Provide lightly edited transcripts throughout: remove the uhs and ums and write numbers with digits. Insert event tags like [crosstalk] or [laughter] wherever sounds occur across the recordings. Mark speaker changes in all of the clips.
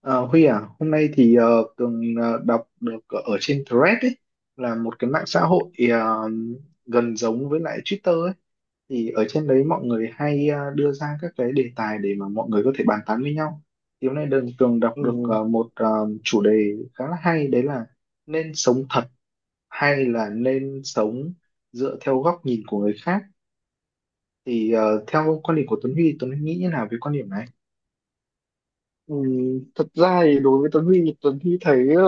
Speaker 1: Ờ, Huy à, hôm nay thì Tường đọc được ở trên Threads ấy, là một cái mạng xã hội gần giống với lại Twitter ấy. Thì ở trên đấy mọi người hay đưa ra các cái đề tài để mà mọi người có thể bàn tán với nhau. Thì hôm nay Đường Tường đọc được
Speaker 2: Ừ,
Speaker 1: một chủ đề khá là hay, đấy là nên sống thật hay là nên sống dựa theo góc nhìn của người khác. Thì theo quan điểm của Tuấn Huy, Tuấn Huy nghĩ như nào về quan điểm này?
Speaker 2: ừ, thật ra thì đối với Tuấn Huy Tuấn Huy thấy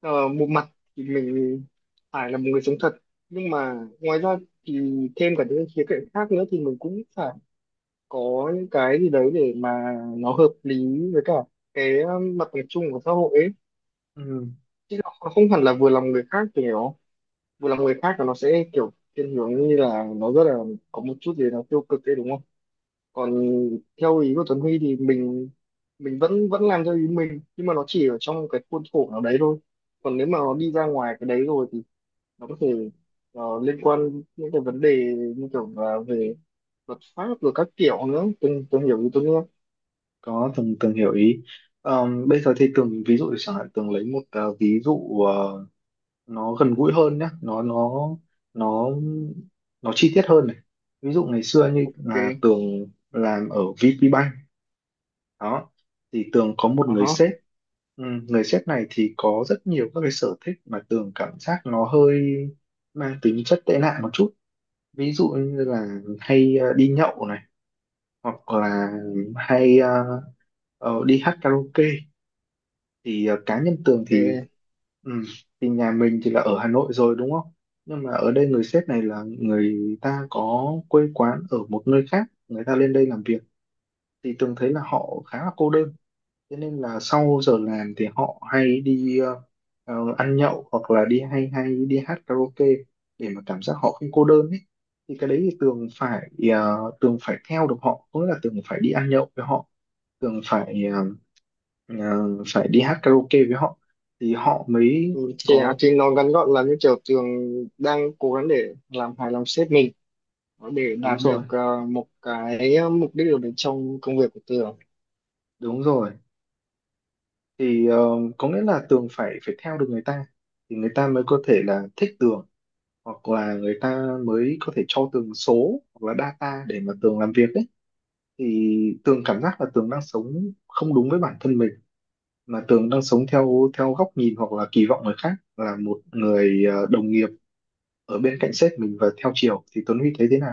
Speaker 2: ờ, một mặt thì mình phải là một người sống thật, nhưng mà ngoài ra thì thêm cả những khía cạnh khác nữa thì mình cũng phải có những cái gì đấy để mà nó hợp lý với cả cái mặt bằng chung của xã hội ấy,
Speaker 1: Ừ.
Speaker 2: chứ nó không hẳn là vừa lòng người khác. Thì nó vừa lòng người khác là nó sẽ kiểu thiên hướng như là nó rất là có một chút gì nó tiêu cực ấy, đúng không? Còn theo ý của Tuấn Huy thì mình vẫn vẫn làm theo ý mình, nhưng mà nó chỉ ở trong cái khuôn khổ nào đấy thôi. Còn nếu mà nó đi ra ngoài cái đấy rồi thì nó có thể liên quan những cái vấn đề như kiểu là về luật pháp rồi các kiểu nữa. Tôi hiểu ý Tuấn Huy không?
Speaker 1: Có, Tường Tường hiểu ý. Bây giờ thì
Speaker 2: Ừ,
Speaker 1: Tường ví dụ chẳng hạn Tường lấy một ví dụ nó gần gũi hơn nhé, nó nó chi tiết hơn này. Ví dụ ngày xưa như
Speaker 2: ok.
Speaker 1: là Tường làm ở VPBank đó, thì Tường có một
Speaker 2: Ờ
Speaker 1: người
Speaker 2: hả,
Speaker 1: sếp. Ừ, người sếp này thì có rất nhiều các cái sở thích mà Tường cảm giác nó hơi mang tính chất tệ nạn một chút. Ví dụ như là hay đi nhậu này hoặc là hay đi hát karaoke. Thì cá nhân Tường thì.
Speaker 2: ok.
Speaker 1: Ừ. Thì nhà mình thì là ở Hà Nội rồi, đúng không? Nhưng mà ở đây người sếp này là người ta có quê quán ở một nơi khác, người ta lên đây làm việc, thì Tường thấy là họ khá là cô đơn. Thế nên là sau giờ làm thì họ hay đi ăn nhậu hoặc là đi hay hay đi hát karaoke để mà cảm giác họ không cô đơn ấy. Thì cái đấy thì Tường phải theo được họ, có nghĩa là Tường phải đi ăn nhậu với họ, Tường phải ờ, à, phải đi hát karaoke với họ thì họ mới
Speaker 2: ừ, thì, à,
Speaker 1: có.
Speaker 2: thì nó ngắn gọn là như kiểu Tường đang cố gắng để làm hài lòng sếp mình để
Speaker 1: Đúng
Speaker 2: đạt được
Speaker 1: rồi.
Speaker 2: một cái mục đích ở bên trong công việc của Tường.
Speaker 1: Đúng rồi. Thì có nghĩa là Tường phải phải theo được người ta, thì người ta mới có thể là thích Tường hoặc là người ta mới có thể cho Tường số hoặc là data để mà Tường làm việc ấy. Thì Tường cảm giác là Tường đang sống không đúng với bản thân mình, mà Tường đang sống theo theo góc nhìn hoặc là kỳ vọng người khác là một người đồng nghiệp ở bên cạnh sếp mình. Và theo chiều thì Tuấn Huy thấy thế nào?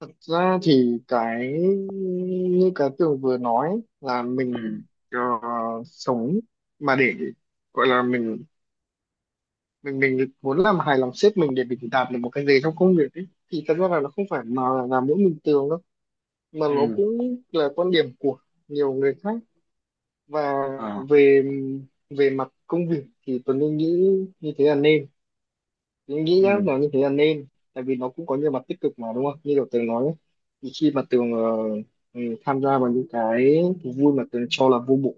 Speaker 2: Thật ra thì cái như cái tường vừa nói là
Speaker 1: Ừ.
Speaker 2: mình ờ, sống mà để gọi là mình muốn làm hài lòng sếp mình để mình đạt được một cái gì trong công việc ấy, thì thật ra là nó không phải mà là mỗi mình tường đâu, mà nó
Speaker 1: Ừ.
Speaker 2: cũng là quan điểm của nhiều người khác. Và
Speaker 1: Ờ.
Speaker 2: về về mặt công việc thì tôi nghĩ như thế là nên. Mình nghĩ nhá,
Speaker 1: Ừ.
Speaker 2: nó như thế là nên, tại vì nó cũng có nhiều mặt tích cực mà, đúng không? Như kiểu Tường nói ấy, thì khi mà Tường tham gia vào những cái thú vui mà Tường cho là vô bổ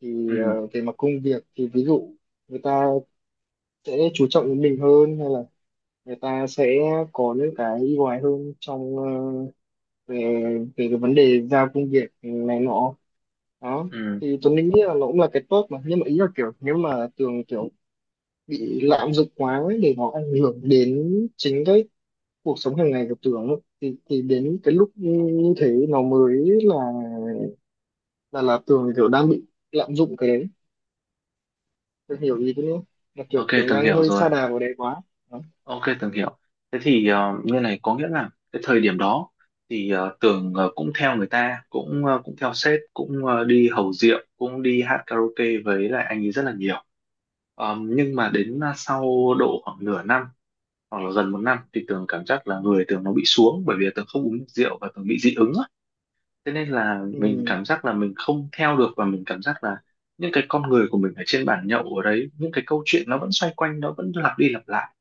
Speaker 2: thì
Speaker 1: Ừ,
Speaker 2: về mặt công việc thì ví dụ người ta sẽ chú trọng đến mình hơn, hay là người ta sẽ có những cái ưu ái hơn trong về về cái vấn đề giao công việc này nọ. Đó,
Speaker 1: ừ,
Speaker 2: thì Tuấn nghĩ là nó cũng là cái tốt mà, nhưng mà ý là kiểu nếu mà Tường kiểu bị lạm dụng quá ấy, để nó ảnh hưởng đến chính cái cuộc sống hàng ngày của Tường ấy, thì đến cái lúc như thế nó mới là là Tường kiểu đang bị lạm dụng cái đấy. Tường hiểu ý thế nữa, là kiểu
Speaker 1: ok,
Speaker 2: Tường
Speaker 1: Tường
Speaker 2: đang
Speaker 1: hiểu
Speaker 2: hơi
Speaker 1: rồi.
Speaker 2: sa đà vào đấy quá. Đó.
Speaker 1: OK, Tường hiểu. Thế thì như này có nghĩa là cái thời điểm đó thì Tường cũng theo người ta, cũng theo sếp, cũng đi hầu rượu, cũng đi hát karaoke với lại anh ấy rất là nhiều. Nhưng mà đến sau độ khoảng nửa năm hoặc là gần một năm thì Tường cảm giác là người Tường nó bị xuống, bởi vì Tường không uống rượu và Tường bị dị ứng á. Thế nên là mình
Speaker 2: Ừ.
Speaker 1: cảm giác là mình không theo được, và mình cảm giác là những cái con người của mình ở trên bàn nhậu ở đấy, những cái câu chuyện nó vẫn xoay quanh, nó vẫn lặp đi lặp lại.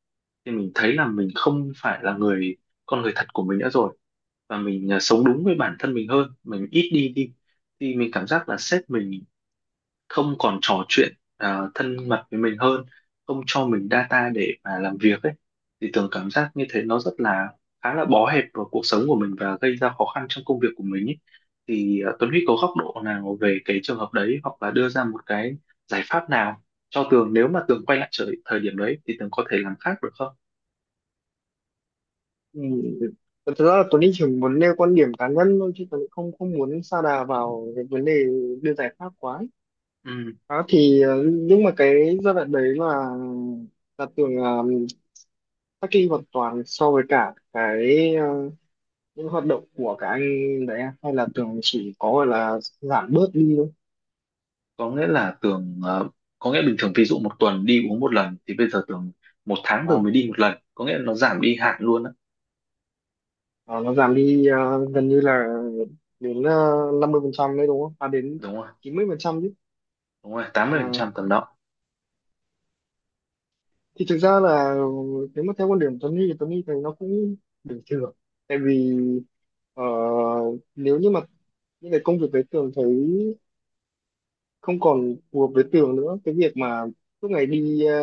Speaker 1: Thì mình thấy là mình không phải là người, con người thật của mình nữa rồi. Và mình, sống đúng với bản thân mình hơn, mình ít đi đi. Thì mình cảm giác là sếp mình không còn trò chuyện thân mật với mình hơn, không cho mình data để mà làm việc ấy. Thì Tường cảm giác như thế nó rất là khá là bó hẹp vào cuộc sống của mình và gây ra khó khăn trong công việc của mình ấy. Thì Tuấn Huy có góc độ nào về cái trường hợp đấy, hoặc là đưa ra một cái giải pháp nào cho Tường, nếu mà Tường quay lại thời điểm đấy thì Tường có thể làm khác được không?
Speaker 2: Ừ. Thật ra là Tuấn đi chỉ muốn nêu quan điểm cá nhân thôi, chứ Tuấn cũng không không muốn sa đà vào cái vấn đề đưa giải pháp quá ấy.
Speaker 1: Ừ,
Speaker 2: Đó, thì nhưng mà cái giai đoạn đấy là Tường cách ly hoàn toàn so với cả cái những hoạt động của các anh đấy à? Hay là tưởng chỉ có gọi là giảm bớt đi thôi?
Speaker 1: có nghĩa là Tường có nghĩa bình thường ví dụ một tuần đi uống một lần, thì bây giờ Tường một tháng Tường
Speaker 2: à,
Speaker 1: mới đi một lần, có nghĩa là nó giảm đi hẳn luôn á.
Speaker 2: nó giảm đi gần như là đến 50% đấy, đúng không? À, đến
Speaker 1: Đúng không?
Speaker 2: 90% chứ?
Speaker 1: Đúng rồi, tám mươi phần
Speaker 2: À,
Speaker 1: trăm tầm đó.
Speaker 2: thì thực ra là nếu mà theo quan điểm Tuấn Huy thì Tuấn Huy thấy nó cũng bình thường, tại vì ờ, nếu như mà những cái công việc đấy Tường thấy không còn phù hợp với Tường nữa, cái việc mà suốt ngày đi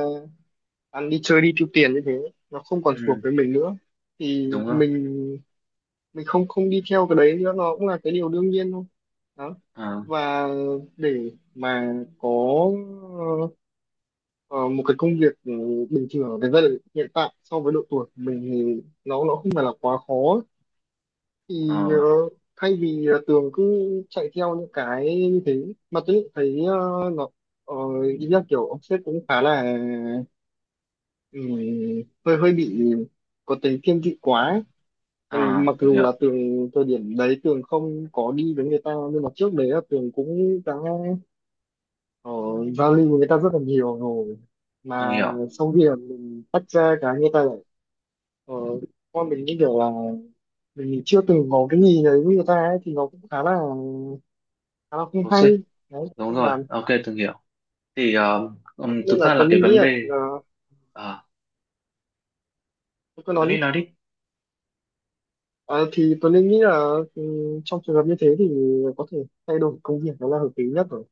Speaker 2: ăn đi chơi đi tiêu tiền như thế nó không còn
Speaker 1: Ừ,
Speaker 2: phù hợp với mình nữa, thì
Speaker 1: đúng rồi.
Speaker 2: mình không không đi theo cái đấy nữa, nó cũng là cái điều đương nhiên thôi. Đó,
Speaker 1: à,
Speaker 2: và để mà có ờ, một cái công việc bình thường ở cái giai đoạn hiện tại so với độ tuổi của mình thì nó không phải là quá khó. Thì
Speaker 1: à,
Speaker 2: thay vì là Tường cứ chạy theo những cái như thế, mà tôi lại thấy nó ờ, ý là kiểu ông sếp cũng khá là ừm, hơi hơi bị có tính thiên vị quá ấy. Tại vì
Speaker 1: à,
Speaker 2: mặc
Speaker 1: từng
Speaker 2: dù
Speaker 1: hiểu
Speaker 2: là Tường thời điểm đấy Tường không có đi với người ta, nhưng mà trước đấy là Tường cũng đã ở giao lưu với người ta rất là nhiều rồi,
Speaker 1: từng
Speaker 2: mà
Speaker 1: hiểu
Speaker 2: sau khi là mình tách ra cái người ta lại ờ, con mình như kiểu là mình chưa từng có cái gì đấy với người ta ấy, thì nó cũng khá là không
Speaker 1: toxic.
Speaker 2: hay đấy.
Speaker 1: Đúng
Speaker 2: Nên
Speaker 1: rồi,
Speaker 2: là
Speaker 1: ok, từng hiểu. Thì
Speaker 2: thế
Speaker 1: thực
Speaker 2: nên là
Speaker 1: ra là
Speaker 2: Tuấn
Speaker 1: cái
Speaker 2: Linh nghĩ
Speaker 1: vấn
Speaker 2: là
Speaker 1: đề.
Speaker 2: ờ,
Speaker 1: À,
Speaker 2: tôi cứ
Speaker 1: Tuấn
Speaker 2: nói
Speaker 1: Huy
Speaker 2: đi.
Speaker 1: nói đi.
Speaker 2: Ờ, thì Tuấn Linh nghĩ là ừ, trong trường hợp như thế thì có thể thay đổi công việc, đó là hợp lý nhất rồi.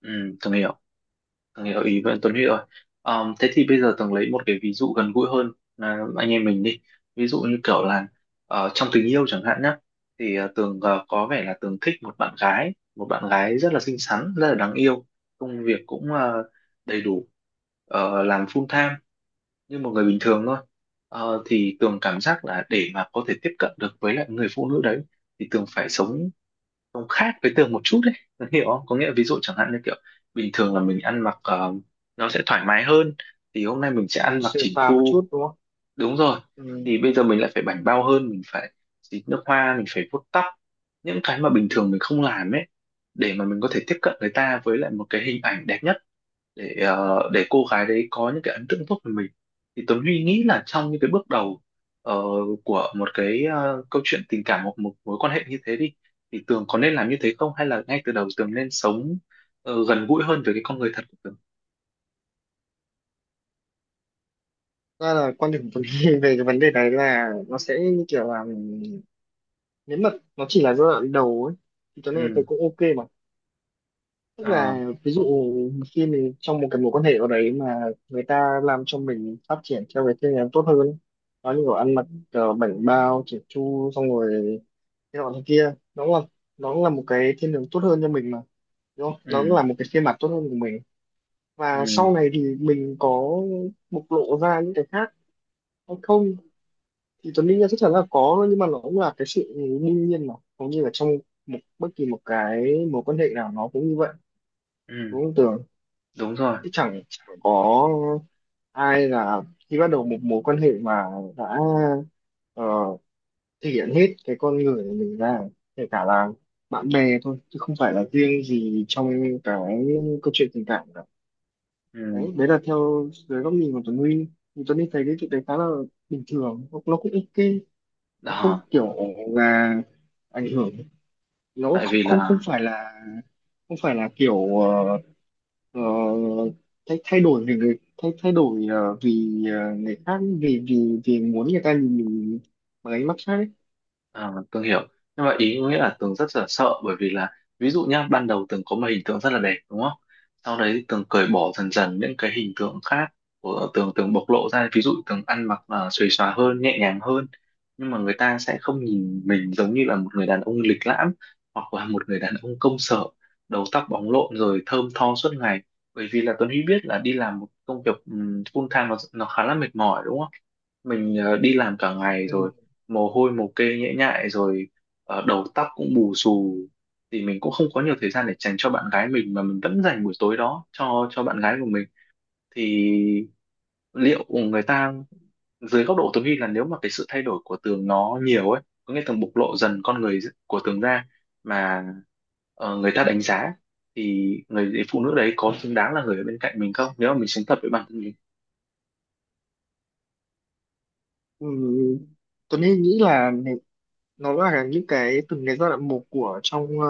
Speaker 1: Ừ, từng hiểu từng hiểu ý với Tuấn Huy rồi. Thế thì bây giờ Tường lấy một cái ví dụ gần gũi hơn là anh em mình đi. Ví dụ như kiểu là trong tình yêu chẳng hạn nhá. Thì Tường có vẻ là Tường thích một bạn gái rất là xinh xắn, rất là đáng yêu. Công việc cũng đầy đủ, làm full time như một người bình thường thôi. Thì Tường cảm giác là để mà có thể tiếp cận được với lại người phụ nữ đấy, thì Tường phải sống sống khác với Tường một chút đấy. Tường hiểu không? Có nghĩa là ví dụ chẳng hạn như kiểu bình thường là mình ăn mặc nó sẽ thoải mái hơn, thì hôm nay mình sẽ
Speaker 2: Ừ,
Speaker 1: ăn mặc
Speaker 2: sửa
Speaker 1: chỉn
Speaker 2: phàm một
Speaker 1: chu.
Speaker 2: chút đúng không?
Speaker 1: Đúng rồi.
Speaker 2: Ừ.
Speaker 1: Thì bây giờ mình lại phải bảnh bao hơn, mình phải xịt nước hoa, mình phải vuốt tóc, những cái mà bình thường mình không làm ấy, để mà mình có thể tiếp cận người ta với lại một cái hình ảnh đẹp nhất, để cô gái đấy có những cái ấn tượng tốt về mình. Thì Tuấn Huy nghĩ là trong những cái bước đầu ờ, của một cái câu chuyện tình cảm hoặc một mối quan hệ như thế đi, thì Tường có nên làm như thế không, hay là ngay từ đầu Tường nên sống gần gũi hơn với cái con người thật của Tường?
Speaker 2: Ra là quan điểm của mình [laughs] về cái vấn đề này là nó sẽ như kiểu là nếu mà nó chỉ là giai đoạn đầu ấy, thì cho nên tôi
Speaker 1: Ừ.
Speaker 2: cũng ok mà. Tức
Speaker 1: ờ,
Speaker 2: là ví dụ khi mình trong một cái mối quan hệ ở đấy mà người ta làm cho mình phát triển theo cái phương hướng tốt hơn, nó như kiểu ăn mặc bảnh bao chỉn chu xong rồi cái nọ thế kia, nó cũng là một cái thiên hướng tốt hơn cho mình mà, đúng không? Nó cũng là
Speaker 1: ừ.
Speaker 2: một cái phiên bản tốt hơn của mình. Và
Speaker 1: Ừ.
Speaker 2: sau này thì mình có bộc lộ ra những cái khác hay không thì Tuấn đương nhiên chắc chắn là có, nhưng mà nó cũng là cái sự đương nhiên mà, hầu như là trong một bất kỳ một cái mối quan hệ nào nó cũng như vậy,
Speaker 1: Ừ.
Speaker 2: đúng không Tường?
Speaker 1: Đúng rồi.
Speaker 2: Chứ chẳng chẳng có ai là khi bắt đầu một mối quan hệ mà đã ờ, thể hiện hết cái con người của mình ra, kể cả là bạn bè thôi chứ không phải là riêng gì trong cái câu chuyện tình cảm cả.
Speaker 1: Ừ.
Speaker 2: Đấy, đấy là theo dưới góc nhìn của Tuấn Huy, thì Tuấn Huy thấy cái chuyện đấy khá là bình thường, nó cũng ok. Nó không
Speaker 1: Đó,
Speaker 2: kiểu là ảnh hưởng, nó
Speaker 1: tại
Speaker 2: không
Speaker 1: vì
Speaker 2: không không
Speaker 1: là.
Speaker 2: phải là không phải là kiểu ờ, thay thay đổi vì người thay thay đổi vì người khác, vì vì vì muốn người ta nhìn mình bằng ánh mắt khác ấy.
Speaker 1: À, Tường hiểu. Nhưng mà ý nghĩa là Tường rất là sợ, bởi vì là, ví dụ nhá, ban đầu Tường có một hình tượng rất là đẹp, đúng không? Sau đấy thì Tường cởi bỏ dần dần những cái hình tượng khác của Tường. Tường bộc lộ ra, ví dụ Tường ăn mặc là xuề xòa hơn, nhẹ nhàng hơn. Nhưng mà người ta sẽ không nhìn mình giống như là một người đàn ông lịch lãm, hoặc là một người đàn ông công sở, đầu tóc bóng lộn rồi thơm tho suốt ngày. Bởi vì là Tuấn Huy biết là đi làm một công việc full time nó khá là mệt mỏi, đúng không? Mình đi làm cả ngày
Speaker 2: Ừ.
Speaker 1: rồi, mồ hôi mồ kê nhễ nhại rồi, đầu tóc cũng bù xù, thì mình cũng không có nhiều thời gian để dành cho bạn gái mình, mà mình vẫn dành buổi tối đó cho bạn gái của mình. Thì liệu người ta, dưới góc độ Tường vi là nếu mà cái sự thay đổi của Tường nó nhiều ấy, có nghĩa Tường bộc lộ dần con người của Tường ra mà người ta đánh giá, thì người phụ nữ đấy có xứng đáng là người ở bên cạnh mình không, nếu mà mình sống thật với bản thân mình?
Speaker 2: Ừ. Tuấn Anh nghĩ là này, nó là những cái từng cái giai đoạn một của trong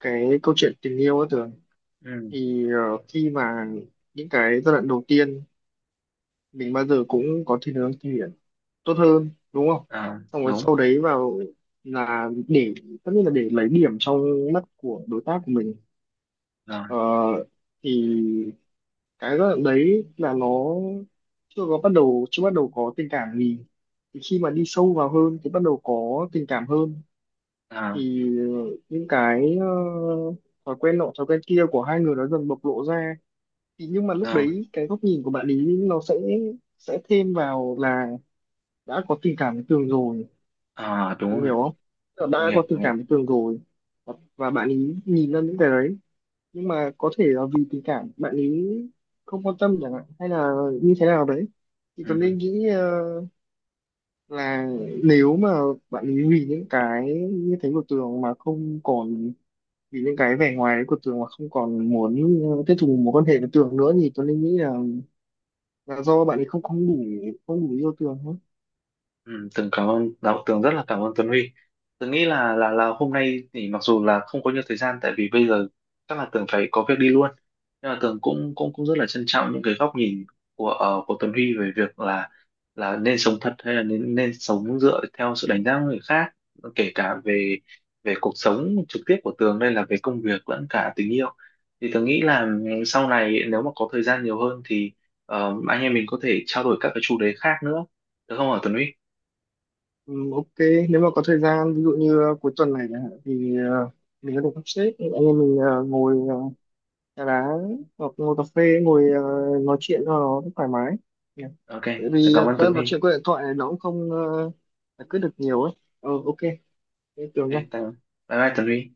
Speaker 2: cái câu chuyện tình yêu ấy tưởng.
Speaker 1: Ừ.
Speaker 2: Thì khi mà những cái giai đoạn đầu tiên mình bao giờ cũng có thiên hướng tốt hơn, đúng không?
Speaker 1: À,
Speaker 2: Xong rồi
Speaker 1: đúng
Speaker 2: sau đấy vào là để, tất nhiên là để lấy điểm trong mắt của đối tác của mình.
Speaker 1: rồi.
Speaker 2: ờ, thì cái giai đoạn đấy là nó chưa bắt đầu có tình cảm gì, thì khi mà đi sâu vào hơn thì bắt đầu có tình cảm hơn,
Speaker 1: À,
Speaker 2: thì những cái thói quen nọ thói quen kia của hai người nó dần bộc lộ ra. Thì nhưng mà lúc
Speaker 1: đúng.
Speaker 2: đấy cái góc nhìn của bạn ý nó sẽ thêm vào là đã có tình cảm với Tường rồi.
Speaker 1: À,
Speaker 2: Tường
Speaker 1: đúng rồi,
Speaker 2: hiểu không? Tường đã
Speaker 1: tường hiểu
Speaker 2: có tình
Speaker 1: tường
Speaker 2: cảm
Speaker 1: hiểu
Speaker 2: với Tường rồi. Và bạn ấy nhìn ra những cái đấy, nhưng mà có thể là vì tình cảm bạn ấy không quan tâm chẳng hạn, hay là như thế nào đấy. Thì Tường
Speaker 1: Ừ.
Speaker 2: nên nghĩ là nếu mà bạn ấy vì những cái như thế của Tường mà không còn, vì những cái vẻ ngoài đấy của Tường mà không còn muốn tiếp tục mối quan hệ với Tường nữa, thì Tường nên nghĩ là do bạn ấy không không đủ, không đủ yêu Tường thôi.
Speaker 1: Ừ, Tường cảm ơn đạo, Tường rất là cảm ơn Tuấn Huy. Tường nghĩ là hôm nay thì mặc dù là không có nhiều thời gian, tại vì bây giờ chắc là Tường phải có việc đi luôn, nhưng mà Tường cũng cũng cũng rất là trân trọng những cái góc nhìn của của Tuấn Huy, về việc là nên sống thật hay là nên nên sống dựa theo sự đánh giá của người khác, kể cả về về cuộc sống trực tiếp của Tường, đây là về công việc lẫn cả tình yêu. Thì Tường nghĩ là, sau này nếu mà có thời gian nhiều hơn thì anh em mình có thể trao đổi các cái chủ đề khác nữa, được không hả Tuấn Huy?
Speaker 2: Ừ, ok. Nếu mà có thời gian, ví dụ như cuối tuần này chẳng hạn, thì mình có thể sắp xếp anh em mình ngồi trà đá hoặc ngồi cà phê, ngồi nói chuyện cho nó thoải mái. Nhỉ?
Speaker 1: OK,
Speaker 2: Tại
Speaker 1: tớ
Speaker 2: vì
Speaker 1: cảm ơn
Speaker 2: tớ
Speaker 1: Tuấn
Speaker 2: nói
Speaker 1: Huy.
Speaker 2: chuyện qua điện thoại này nó cũng không giải quyết được nhiều ấy. Ờ ok, thế tưởng.
Speaker 1: OK, tạm, bye bye Tuấn Huy.